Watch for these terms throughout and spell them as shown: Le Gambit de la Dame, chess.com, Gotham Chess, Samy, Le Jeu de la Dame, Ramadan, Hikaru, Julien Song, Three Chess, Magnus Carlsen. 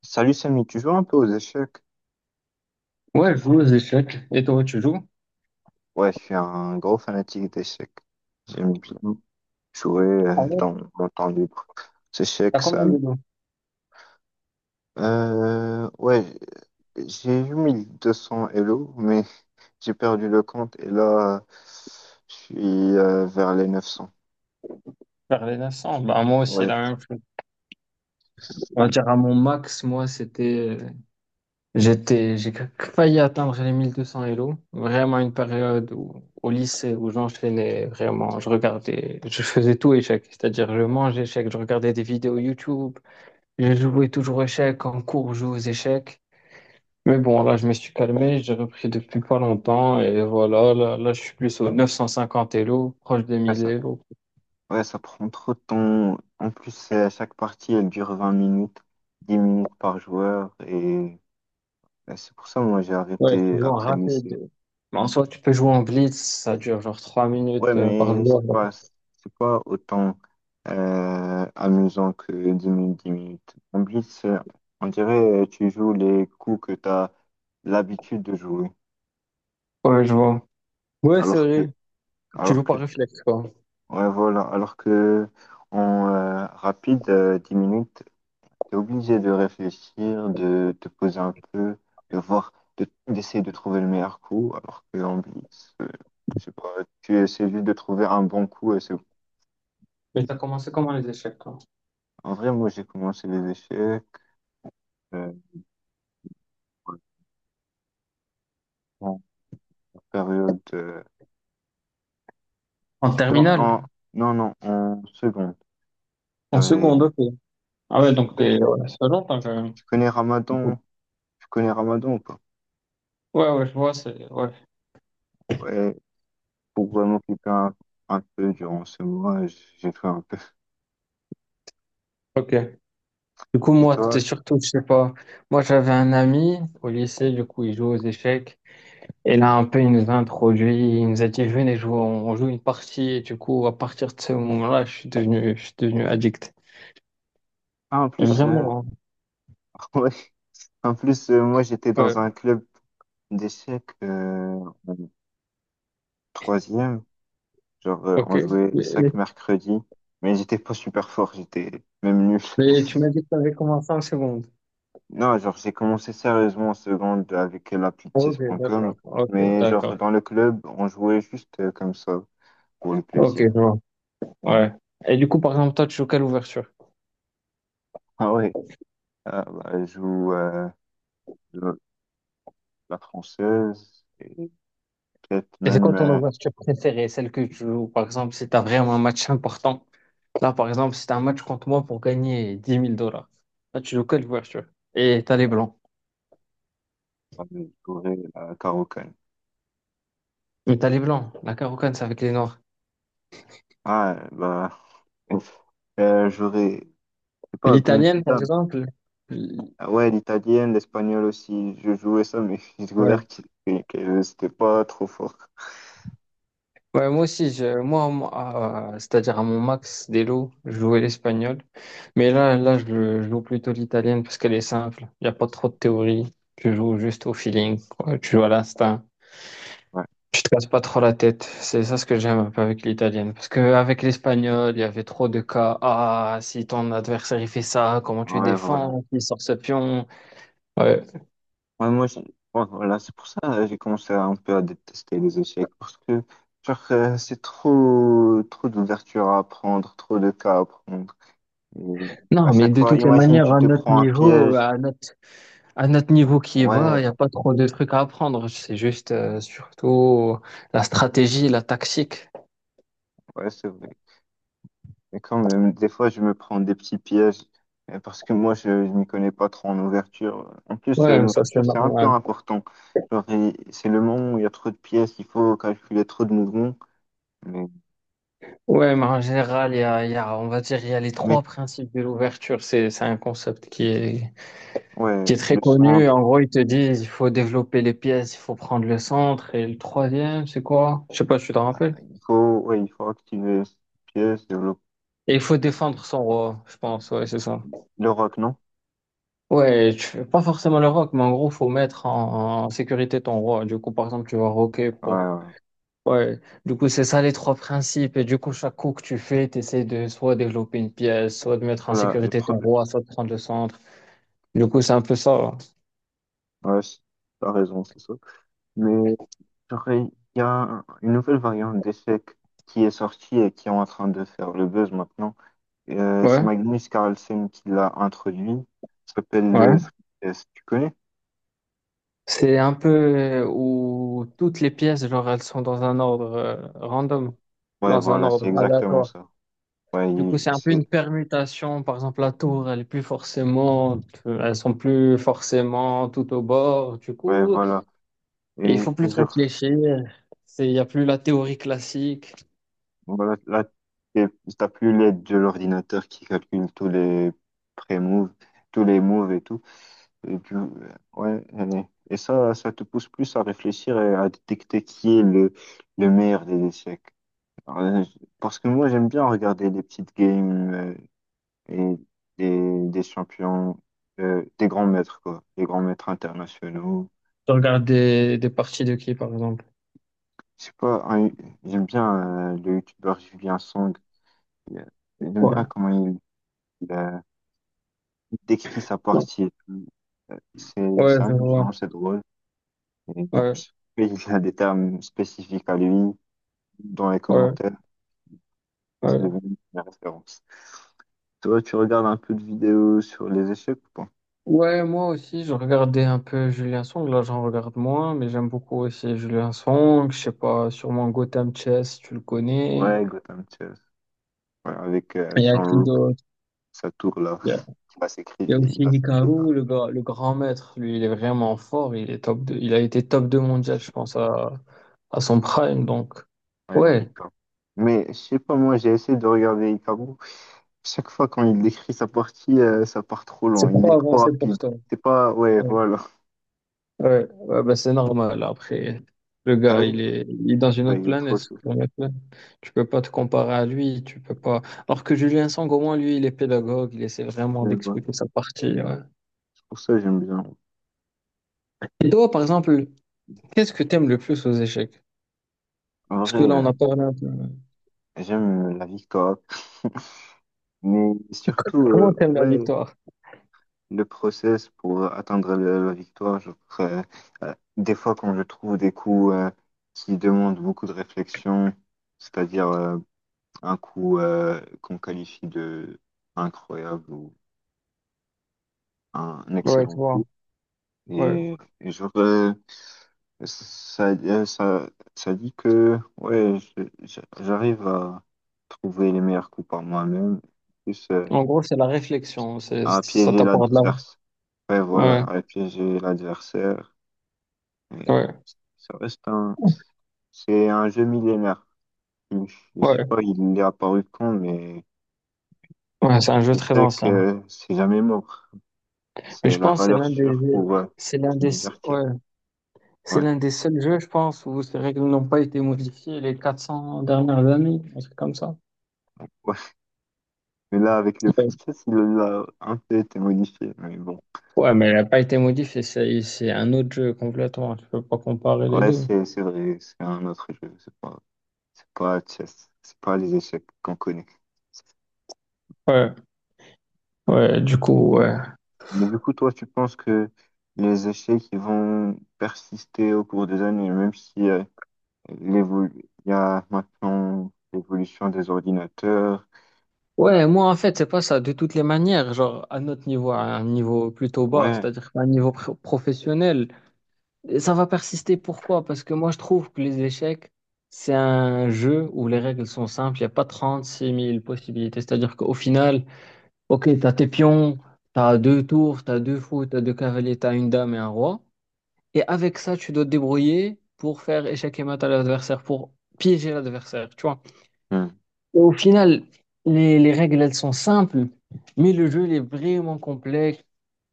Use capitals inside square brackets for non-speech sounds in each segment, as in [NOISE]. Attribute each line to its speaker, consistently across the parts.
Speaker 1: Salut Samy, tu joues un peu aux échecs?
Speaker 2: Ouais, je joue aux échecs. Et toi, tu joues?
Speaker 1: Ouais, je suis un gros fanatique d'échecs. J'aime bien jouer
Speaker 2: En vrai,
Speaker 1: dans mon temps libre. Ces
Speaker 2: t'as
Speaker 1: échecs, ça.
Speaker 2: combien de dos?
Speaker 1: Ouais, j'ai eu 1200 Elo, mais j'ai perdu le compte et là, je suis vers les 900.
Speaker 2: Faire les 900. Bah, moi aussi,
Speaker 1: Ouais,
Speaker 2: la même chose. On va dire à mon max, moi, c'était. J'étais. J'ai failli atteindre les 1200 Elo. Vraiment une période où, au lycée où j'enchaînais vraiment. Je regardais. Je faisais tout échec. C'est-à-dire, je mangeais échec, je regardais des vidéos YouTube. Je jouais toujours aux échecs. En cours, je jouais aux échecs. Mais bon, là, je me suis calmé. J'ai repris depuis pas longtemps. Et voilà, là, je suis plus aux 950 Elo, proche des
Speaker 1: ouais,
Speaker 2: 1000
Speaker 1: ça,
Speaker 2: Elo.
Speaker 1: ouais, ça prend trop de temps. En plus, chaque partie, elle dure 20 minutes, 10 minutes par joueur et. Ouais, c'est pour ça moi j'ai
Speaker 2: Ouais,
Speaker 1: arrêté
Speaker 2: souvent
Speaker 1: après le lycée.
Speaker 2: rapide. Mais en soi, tu peux jouer en blitz, ça dure genre 3
Speaker 1: Ouais,
Speaker 2: minutes par
Speaker 1: mais c'est
Speaker 2: joueur.
Speaker 1: pas, c'est pas autant amusant que 10 minutes, 10 minutes. En plus, on dirait tu joues les coups que tu as l'habitude de jouer.
Speaker 2: Ouais, je vois. Ouais, c'est
Speaker 1: Alors que,
Speaker 2: vrai. Tu
Speaker 1: alors
Speaker 2: joues
Speaker 1: que,
Speaker 2: par réflexe, quoi.
Speaker 1: ouais, voilà, alors que en rapide, 10 minutes, tu es obligé de réfléchir, de te poser un peu, de voir, d'essayer de trouver le meilleur coup. Alors que en blitz, je sais pas, tu essaies juste de trouver un bon coup et c'est.
Speaker 2: Mais t'as commencé comment les échecs, toi?
Speaker 1: En vrai, moi, j'ai commencé les échecs. euh, En période.
Speaker 2: En terminale?
Speaker 1: En- non, non, en seconde. Il y
Speaker 2: En
Speaker 1: avait- Tu
Speaker 2: seconde, ok. Ah ouais, donc
Speaker 1: connais,
Speaker 2: t'es... Ouais, ça fait longtemps, quand même.
Speaker 1: tu connais Ramadan? Tu connais Ramadan ou pas?
Speaker 2: Ouais, ouais, je vois, c'est... Ouais,
Speaker 1: Ouais, pour vraiment m'occuper un peu durant ce mois, j'ai fait un peu.
Speaker 2: ok. Du coup,
Speaker 1: Et
Speaker 2: moi,
Speaker 1: toi?
Speaker 2: c'était surtout, je sais pas... Moi, j'avais un ami au lycée, du coup, il joue aux échecs. Et là, un peu, il nous a introduit, il nous a dit, venez jouer, on joue une partie. Et du coup, à partir de ce moment-là, je suis devenu addict.
Speaker 1: Ah, en plus,
Speaker 2: Vraiment, hein.
Speaker 1: [LAUGHS] ouais, en plus moi j'étais dans un
Speaker 2: Ouais,
Speaker 1: club d'échecs en troisième. Genre,
Speaker 2: ok.
Speaker 1: on jouait
Speaker 2: Mais, mais-
Speaker 1: chaque mercredi, mais j'étais pas super fort, j'étais même nul.
Speaker 2: mais tu m'as dit que tu avais commencé en seconde.
Speaker 1: Non, genre, j'ai commencé sérieusement en seconde avec l'appli
Speaker 2: Ok,
Speaker 1: chess.com,
Speaker 2: d'accord. Ok,
Speaker 1: mais genre,
Speaker 2: d'accord.
Speaker 1: dans le club, on jouait juste comme ça, pour le
Speaker 2: Ok,
Speaker 1: plaisir.
Speaker 2: je vois. Ouais. Et du coup, par exemple, toi, tu joues quelle ouverture?
Speaker 1: Ah ouais, ah, bah, je joue le- la française et peut-être
Speaker 2: Et c'est
Speaker 1: même
Speaker 2: quoi ton ouverture préférée? Celle que tu joues, par exemple, si tu as vraiment un match important. Là, par exemple, si tu un match contre moi pour gagner 10 000 dollars. Là, tu joues quelle ouverture? Et t'as les blancs.
Speaker 1: bah, je jouerai la carocane.
Speaker 2: Mais t'as les blancs. La Carocane, c'est avec les noirs.
Speaker 1: Ah, bah, j'aurais, je sais pas,
Speaker 2: L'italienne, par
Speaker 1: Gambita.
Speaker 2: exemple. l-
Speaker 1: Ah ouais, l'italienne, l'espagnol aussi, je jouais ça, mais [LAUGHS] j'ai
Speaker 2: Ouais.
Speaker 1: découvert que, que c'était pas trop fort.
Speaker 2: Ouais, moi aussi, moi, moi, c'est-à-dire à mon max des lots, je jouais l'espagnol. Mais là, je joue plutôt l'italienne parce qu'elle est simple. Il n'y a pas trop de théorie. Tu joues juste au feeling, quoi. Tu joues à l'instinct.
Speaker 1: Ouais,
Speaker 2: Tu te casses pas trop la tête. C'est ça ce que j'aime un peu avec l'italienne. Parce qu'avec l'espagnol, il y avait trop de cas. Ah, si ton adversaire il fait ça, comment tu
Speaker 1: ouais, voilà.
Speaker 2: défends? Il sort ce pion. Ouais.
Speaker 1: Ouais, moi, ouais, voilà, c'est pour ça j'ai commencé un peu à détester les échecs parce que genre c'est trop trop d'ouverture à apprendre trop de cas à prendre. Et à
Speaker 2: Non, mais
Speaker 1: chaque
Speaker 2: de
Speaker 1: fois,
Speaker 2: toutes les
Speaker 1: imagine
Speaker 2: manières,
Speaker 1: tu
Speaker 2: à
Speaker 1: te
Speaker 2: notre
Speaker 1: prends un
Speaker 2: niveau,
Speaker 1: piège.
Speaker 2: à notre niveau qui est bas, il
Speaker 1: Ouais,
Speaker 2: n'y a pas trop de trucs à apprendre. C'est juste surtout la stratégie, la tactique.
Speaker 1: ouais, c'est vrai. Et quand même, des fois je me prends des petits pièges parce que moi je m'y connais pas trop en ouverture. En plus,
Speaker 2: Ouais, mais ça c'est
Speaker 1: l'ouverture c'est un peu
Speaker 2: normal.
Speaker 1: important. Genre, c'est le moment où il y a trop de pièces, il faut calculer trop de mouvements. Mais
Speaker 2: Ouais, mais en général, on va dire, il y a les
Speaker 1: mais
Speaker 2: trois principes de l'ouverture. C'est un concept qui est,
Speaker 1: ouais,
Speaker 2: qui est très
Speaker 1: le
Speaker 2: connu.
Speaker 1: centre.
Speaker 2: En gros, ils te disent, il faut développer les pièces, il faut prendre le centre. Et le troisième, c'est quoi? Je sais pas, tu te
Speaker 1: Bah,
Speaker 2: rappelles?
Speaker 1: il faut, ouais, il faut activer cette pièce, le,
Speaker 2: Et il faut défendre son roi, je pense. Ouais, c'est ça.
Speaker 1: le rock, non?
Speaker 2: Ouais, tu fais pas forcément le rock, mais en gros, faut mettre en sécurité ton roi. Du coup, par exemple, tu vas roquer
Speaker 1: Ouais,
Speaker 2: pour.
Speaker 1: ouais.
Speaker 2: Ouais, du coup, c'est ça les trois principes. Et du coup, chaque coup que tu fais, tu essaies de soit développer une pièce, soit de mettre en
Speaker 1: Voilà, et
Speaker 2: sécurité ton
Speaker 1: preuve.
Speaker 2: roi, soit de prendre le centre. Du coup, c'est un peu ça.
Speaker 1: Ouais, t'as raison, c'est ça. Mais j'aurais- il y a une nouvelle variante d'échec qui est sortie et qui est en train de faire le buzz maintenant. C'est
Speaker 2: Ouais,
Speaker 1: Magnus Carlsen qui l'a introduit. Ça s'appelle le
Speaker 2: ouais.
Speaker 1: Three Chess. Tu connais?
Speaker 2: C'est un peu où toutes les pièces, genre, elles sont dans un ordre random,
Speaker 1: Ouais,
Speaker 2: dans un
Speaker 1: voilà,
Speaker 2: ordre
Speaker 1: c'est exactement
Speaker 2: aléatoire.
Speaker 1: ça. Ouais,
Speaker 2: Du coup, c'est un peu
Speaker 1: c'est,
Speaker 2: une permutation. Par exemple, la tour, elle est plus forcément, elles sont plus forcément tout au bord. Du
Speaker 1: ouais,
Speaker 2: coup,
Speaker 1: voilà. Et,
Speaker 2: et il faut
Speaker 1: et
Speaker 2: plus
Speaker 1: je.
Speaker 2: réfléchir. C'est, il n'y a plus la théorie classique.
Speaker 1: Voilà, là, t'es- t'as plus l'aide de l'ordinateur qui calcule tous les pré-moves, tous les moves et tout. Et ouais, allez. Et ça, te pousse plus à réfléchir et à détecter qui est le meilleur des échecs. Alors, parce que moi, j'aime bien regarder des petites games et des champions, des grands maîtres, quoi, des grands maîtres internationaux.
Speaker 2: Je regarde des parties de qui, par exemple?
Speaker 1: Je sais pas, j'aime bien le youtubeur Julien Song. J'aime
Speaker 2: Ouais,
Speaker 1: bien comment il décrit sa
Speaker 2: ouais,
Speaker 1: partie et tout. Euh, C'est
Speaker 2: ouais,
Speaker 1: c'est
Speaker 2: je vois.
Speaker 1: amusant, c'est drôle. Et,
Speaker 2: Ouais,
Speaker 1: il a des termes spécifiques à lui dans les
Speaker 2: ouais,
Speaker 1: commentaires. C'est
Speaker 2: ouais.
Speaker 1: devenu une référence. Toi, tu regardes un peu de vidéos sur les échecs ou pas?
Speaker 2: Ouais, moi aussi, je regardais un peu Julien Song. Là, j'en regarde moins, mais j'aime beaucoup aussi Julien Song. Je sais pas, sûrement Gotham Chess, si tu le connais.
Speaker 1: Ouais, Gotham Chess. Ouais, avec
Speaker 2: Il y a
Speaker 1: son
Speaker 2: qui
Speaker 1: look,
Speaker 2: d'autre?
Speaker 1: sa tour là,
Speaker 2: Il y a,
Speaker 1: qui va s'écrire,
Speaker 2: il y a aussi
Speaker 1: il a sa tête.
Speaker 2: Hikaru, le grand maître. Lui, il est vraiment fort. Il est top 2. Il a été top 2 mondial, je pense, à son prime. Donc,
Speaker 1: Ouais,
Speaker 2: ouais,
Speaker 1: Hikaru. Mais je sais pas, moi j'ai essayé de regarder Hikaru. Chaque fois quand il décrit sa partie, ça part trop
Speaker 2: c'est
Speaker 1: loin. Il
Speaker 2: trop
Speaker 1: est trop
Speaker 2: avancé pour
Speaker 1: rapide.
Speaker 2: toi.
Speaker 1: C'est pas, ouais, voilà.
Speaker 2: Ouais, ouais, bah c'est normal. Après, le gars, il
Speaker 1: T'arrives?
Speaker 2: est, il est dans une
Speaker 1: Ouais,
Speaker 2: autre
Speaker 1: il est
Speaker 2: planète.
Speaker 1: trop
Speaker 2: Cette
Speaker 1: chaud.
Speaker 2: planète-là. Tu peux pas te comparer à lui. Tu peux pas. Alors que Julien Sang, au moins, lui, il est pédagogue. Il essaie vraiment
Speaker 1: Je vois.
Speaker 2: d'expliquer sa partie. Ouais.
Speaker 1: C'est pour ça que j'aime bien.
Speaker 2: Et toi, par exemple, qu'est-ce que t'aimes le plus aux échecs?
Speaker 1: En
Speaker 2: Parce
Speaker 1: vrai,
Speaker 2: que là, on a parlé un peu.
Speaker 1: j'aime la victoire, mais surtout,
Speaker 2: Comment t'aimes la
Speaker 1: ouais,
Speaker 2: victoire?
Speaker 1: le process pour atteindre la victoire. Genre, des fois, quand je trouve des coups qui demandent beaucoup de réflexion, c'est-à-dire un coup qu'on qualifie de incroyable ou un
Speaker 2: Ouais, tu
Speaker 1: excellent
Speaker 2: vois.
Speaker 1: coup.
Speaker 2: Ouais.
Speaker 1: Et, et genre, ça, euh, ça, ça dit que ouais, j'arrive à trouver les meilleurs coups par moi-même, plus
Speaker 2: En gros, c'est la réflexion. C'est,
Speaker 1: à
Speaker 2: ça
Speaker 1: piéger
Speaker 2: t'apporte de la.
Speaker 1: l'adversaire. Ouais, voilà,
Speaker 2: Ouais,
Speaker 1: à piéger l'adversaire. Et
Speaker 2: ouais.
Speaker 1: ça reste c'est un jeu millénaire. Je sais
Speaker 2: Ouais,
Speaker 1: pas, il est apparu quand, mais
Speaker 2: ouais, c'est un jeu
Speaker 1: je
Speaker 2: très
Speaker 1: sais
Speaker 2: ancien.
Speaker 1: que c'est jamais mort.
Speaker 2: Mais
Speaker 1: C'est
Speaker 2: je
Speaker 1: la
Speaker 2: pense que
Speaker 1: valeur sûre pour
Speaker 2: c'est l'un
Speaker 1: se
Speaker 2: des,
Speaker 1: divertir.
Speaker 2: ouais, c'est
Speaker 1: Ouais.
Speaker 2: l'un des seuls jeux, je pense, où ces règles n'ont pas été modifiées les 400 dernières années, un truc comme ça.
Speaker 1: Mais là, avec le
Speaker 2: Ouais,
Speaker 1: free chess, il a un peu été modifié. Mais bon,
Speaker 2: ouais, mais elle n'a pas été modifiée, c'est un autre jeu complètement, tu peux pas comparer les
Speaker 1: ouais,
Speaker 2: deux.
Speaker 1: c'est vrai, c'est un autre jeu. C'est pas chess, c'est pas les échecs qu'on connaît.
Speaker 2: Ouais, ouais, du coup, ouais.
Speaker 1: Mais du coup, toi, tu penses que les échecs ils vont persister au cours des années, même si l'évo- il y a maintenant l'évolution des ordinateurs.
Speaker 2: Ouais, moi, en fait, c'est pas ça, de toutes les manières, genre, à notre niveau, à un niveau plutôt bas,
Speaker 1: Ouais,
Speaker 2: c'est-à-dire à un niveau professionnel, et ça va persister. Pourquoi? Parce que moi, je trouve que les échecs, c'est un jeu où les règles sont simples, il n'y a pas 36 000 possibilités, c'est-à-dire qu'au final, ok, t'as tes pions, t'as deux tours, t'as deux fous, t'as deux cavaliers, t'as une dame et un roi. Et avec ça, tu dois te débrouiller pour faire échec et mat à l'adversaire, pour piéger l'adversaire, tu vois.
Speaker 1: hmm,
Speaker 2: Et au final, les règles, elles sont simples, mais le jeu, il est vraiment complexe.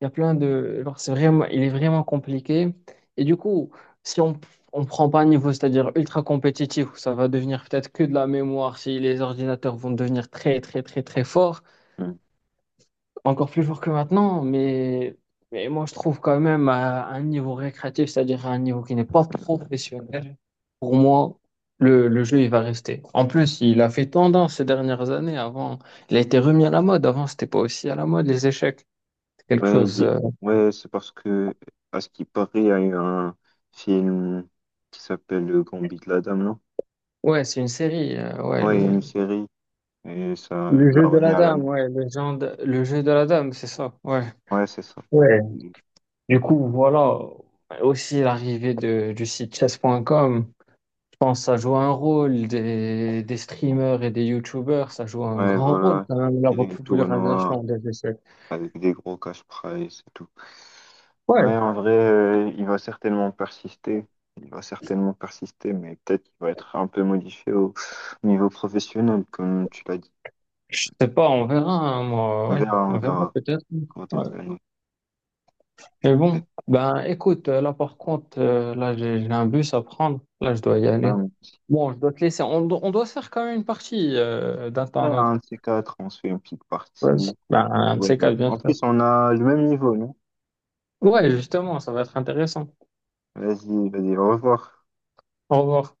Speaker 2: Il y a plein de... genre, c'est vraiment... Il est vraiment compliqué. Et du coup, si on prend pas un niveau, c'est-à-dire ultra compétitif, où ça va devenir peut-être que de la mémoire, si les ordinateurs vont devenir très, très, très, très forts,
Speaker 1: hmm.
Speaker 2: encore plus fort que maintenant, mais moi je trouve quand même à un niveau récréatif, c'est-à-dire à un niveau qui n'est pas professionnel, pour moi, le jeu il va rester. En plus, il a fait tendance ces dernières années. Avant, il a été remis à la mode. Avant, c'était pas aussi à la mode les échecs. C'est quelque
Speaker 1: Ouais,
Speaker 2: chose.
Speaker 1: ouais, c'est parce que, à ce qui paraît, il y a eu un film qui s'appelle Le Gambit de la Dame, non?
Speaker 2: Ouais, c'est une série. Ouais,
Speaker 1: Ouais,
Speaker 2: le,
Speaker 1: il y a une série et ça
Speaker 2: le jeu
Speaker 1: l'a
Speaker 2: de
Speaker 1: remis
Speaker 2: la
Speaker 1: à la
Speaker 2: dame.
Speaker 1: mode.
Speaker 2: Ouais, le jeu de la dame, c'est ça. Ouais.
Speaker 1: Ouais, c'est ça.
Speaker 2: Ouais. Du coup, voilà. Aussi l'arrivée de, du site chess.com. Pense que ça joue un rôle des streamers et des youtubeurs, ça joue un
Speaker 1: Ouais,
Speaker 2: grand rôle
Speaker 1: voilà.
Speaker 2: quand même, la
Speaker 1: Il y a des
Speaker 2: popularisation
Speaker 1: tournois
Speaker 2: des essais.
Speaker 1: avec des gros cash prize et tout. Ouais,
Speaker 2: Ouais,
Speaker 1: en vrai, il va certainement persister. Il va certainement persister, mais peut-être qu'il va être un peu modifié au niveau professionnel, comme tu l'as dit.
Speaker 2: je sais pas, on verra, hein, moi, ouais,
Speaker 1: On
Speaker 2: on verra
Speaker 1: verra
Speaker 2: peut-être.
Speaker 1: quand les
Speaker 2: Ouais.
Speaker 1: années.
Speaker 2: Mais bon, ben écoute, là par contre, là j'ai un bus à prendre, là je dois y
Speaker 1: Ouais,
Speaker 2: aller. Bon, je dois te laisser, on doit se faire quand même une partie d'un temps
Speaker 1: ouais,
Speaker 2: à un autre.
Speaker 1: un de ces quatre, on se fait une petite
Speaker 2: Vas-y.
Speaker 1: partie.
Speaker 2: Ben, un de
Speaker 1: Ouais,
Speaker 2: ces
Speaker 1: ouais.
Speaker 2: quatre, bien
Speaker 1: En
Speaker 2: sûr.
Speaker 1: plus, on a le même niveau, non?
Speaker 2: Ouais, justement, ça va être intéressant.
Speaker 1: Vas-y, vas-y, au revoir.
Speaker 2: Au revoir.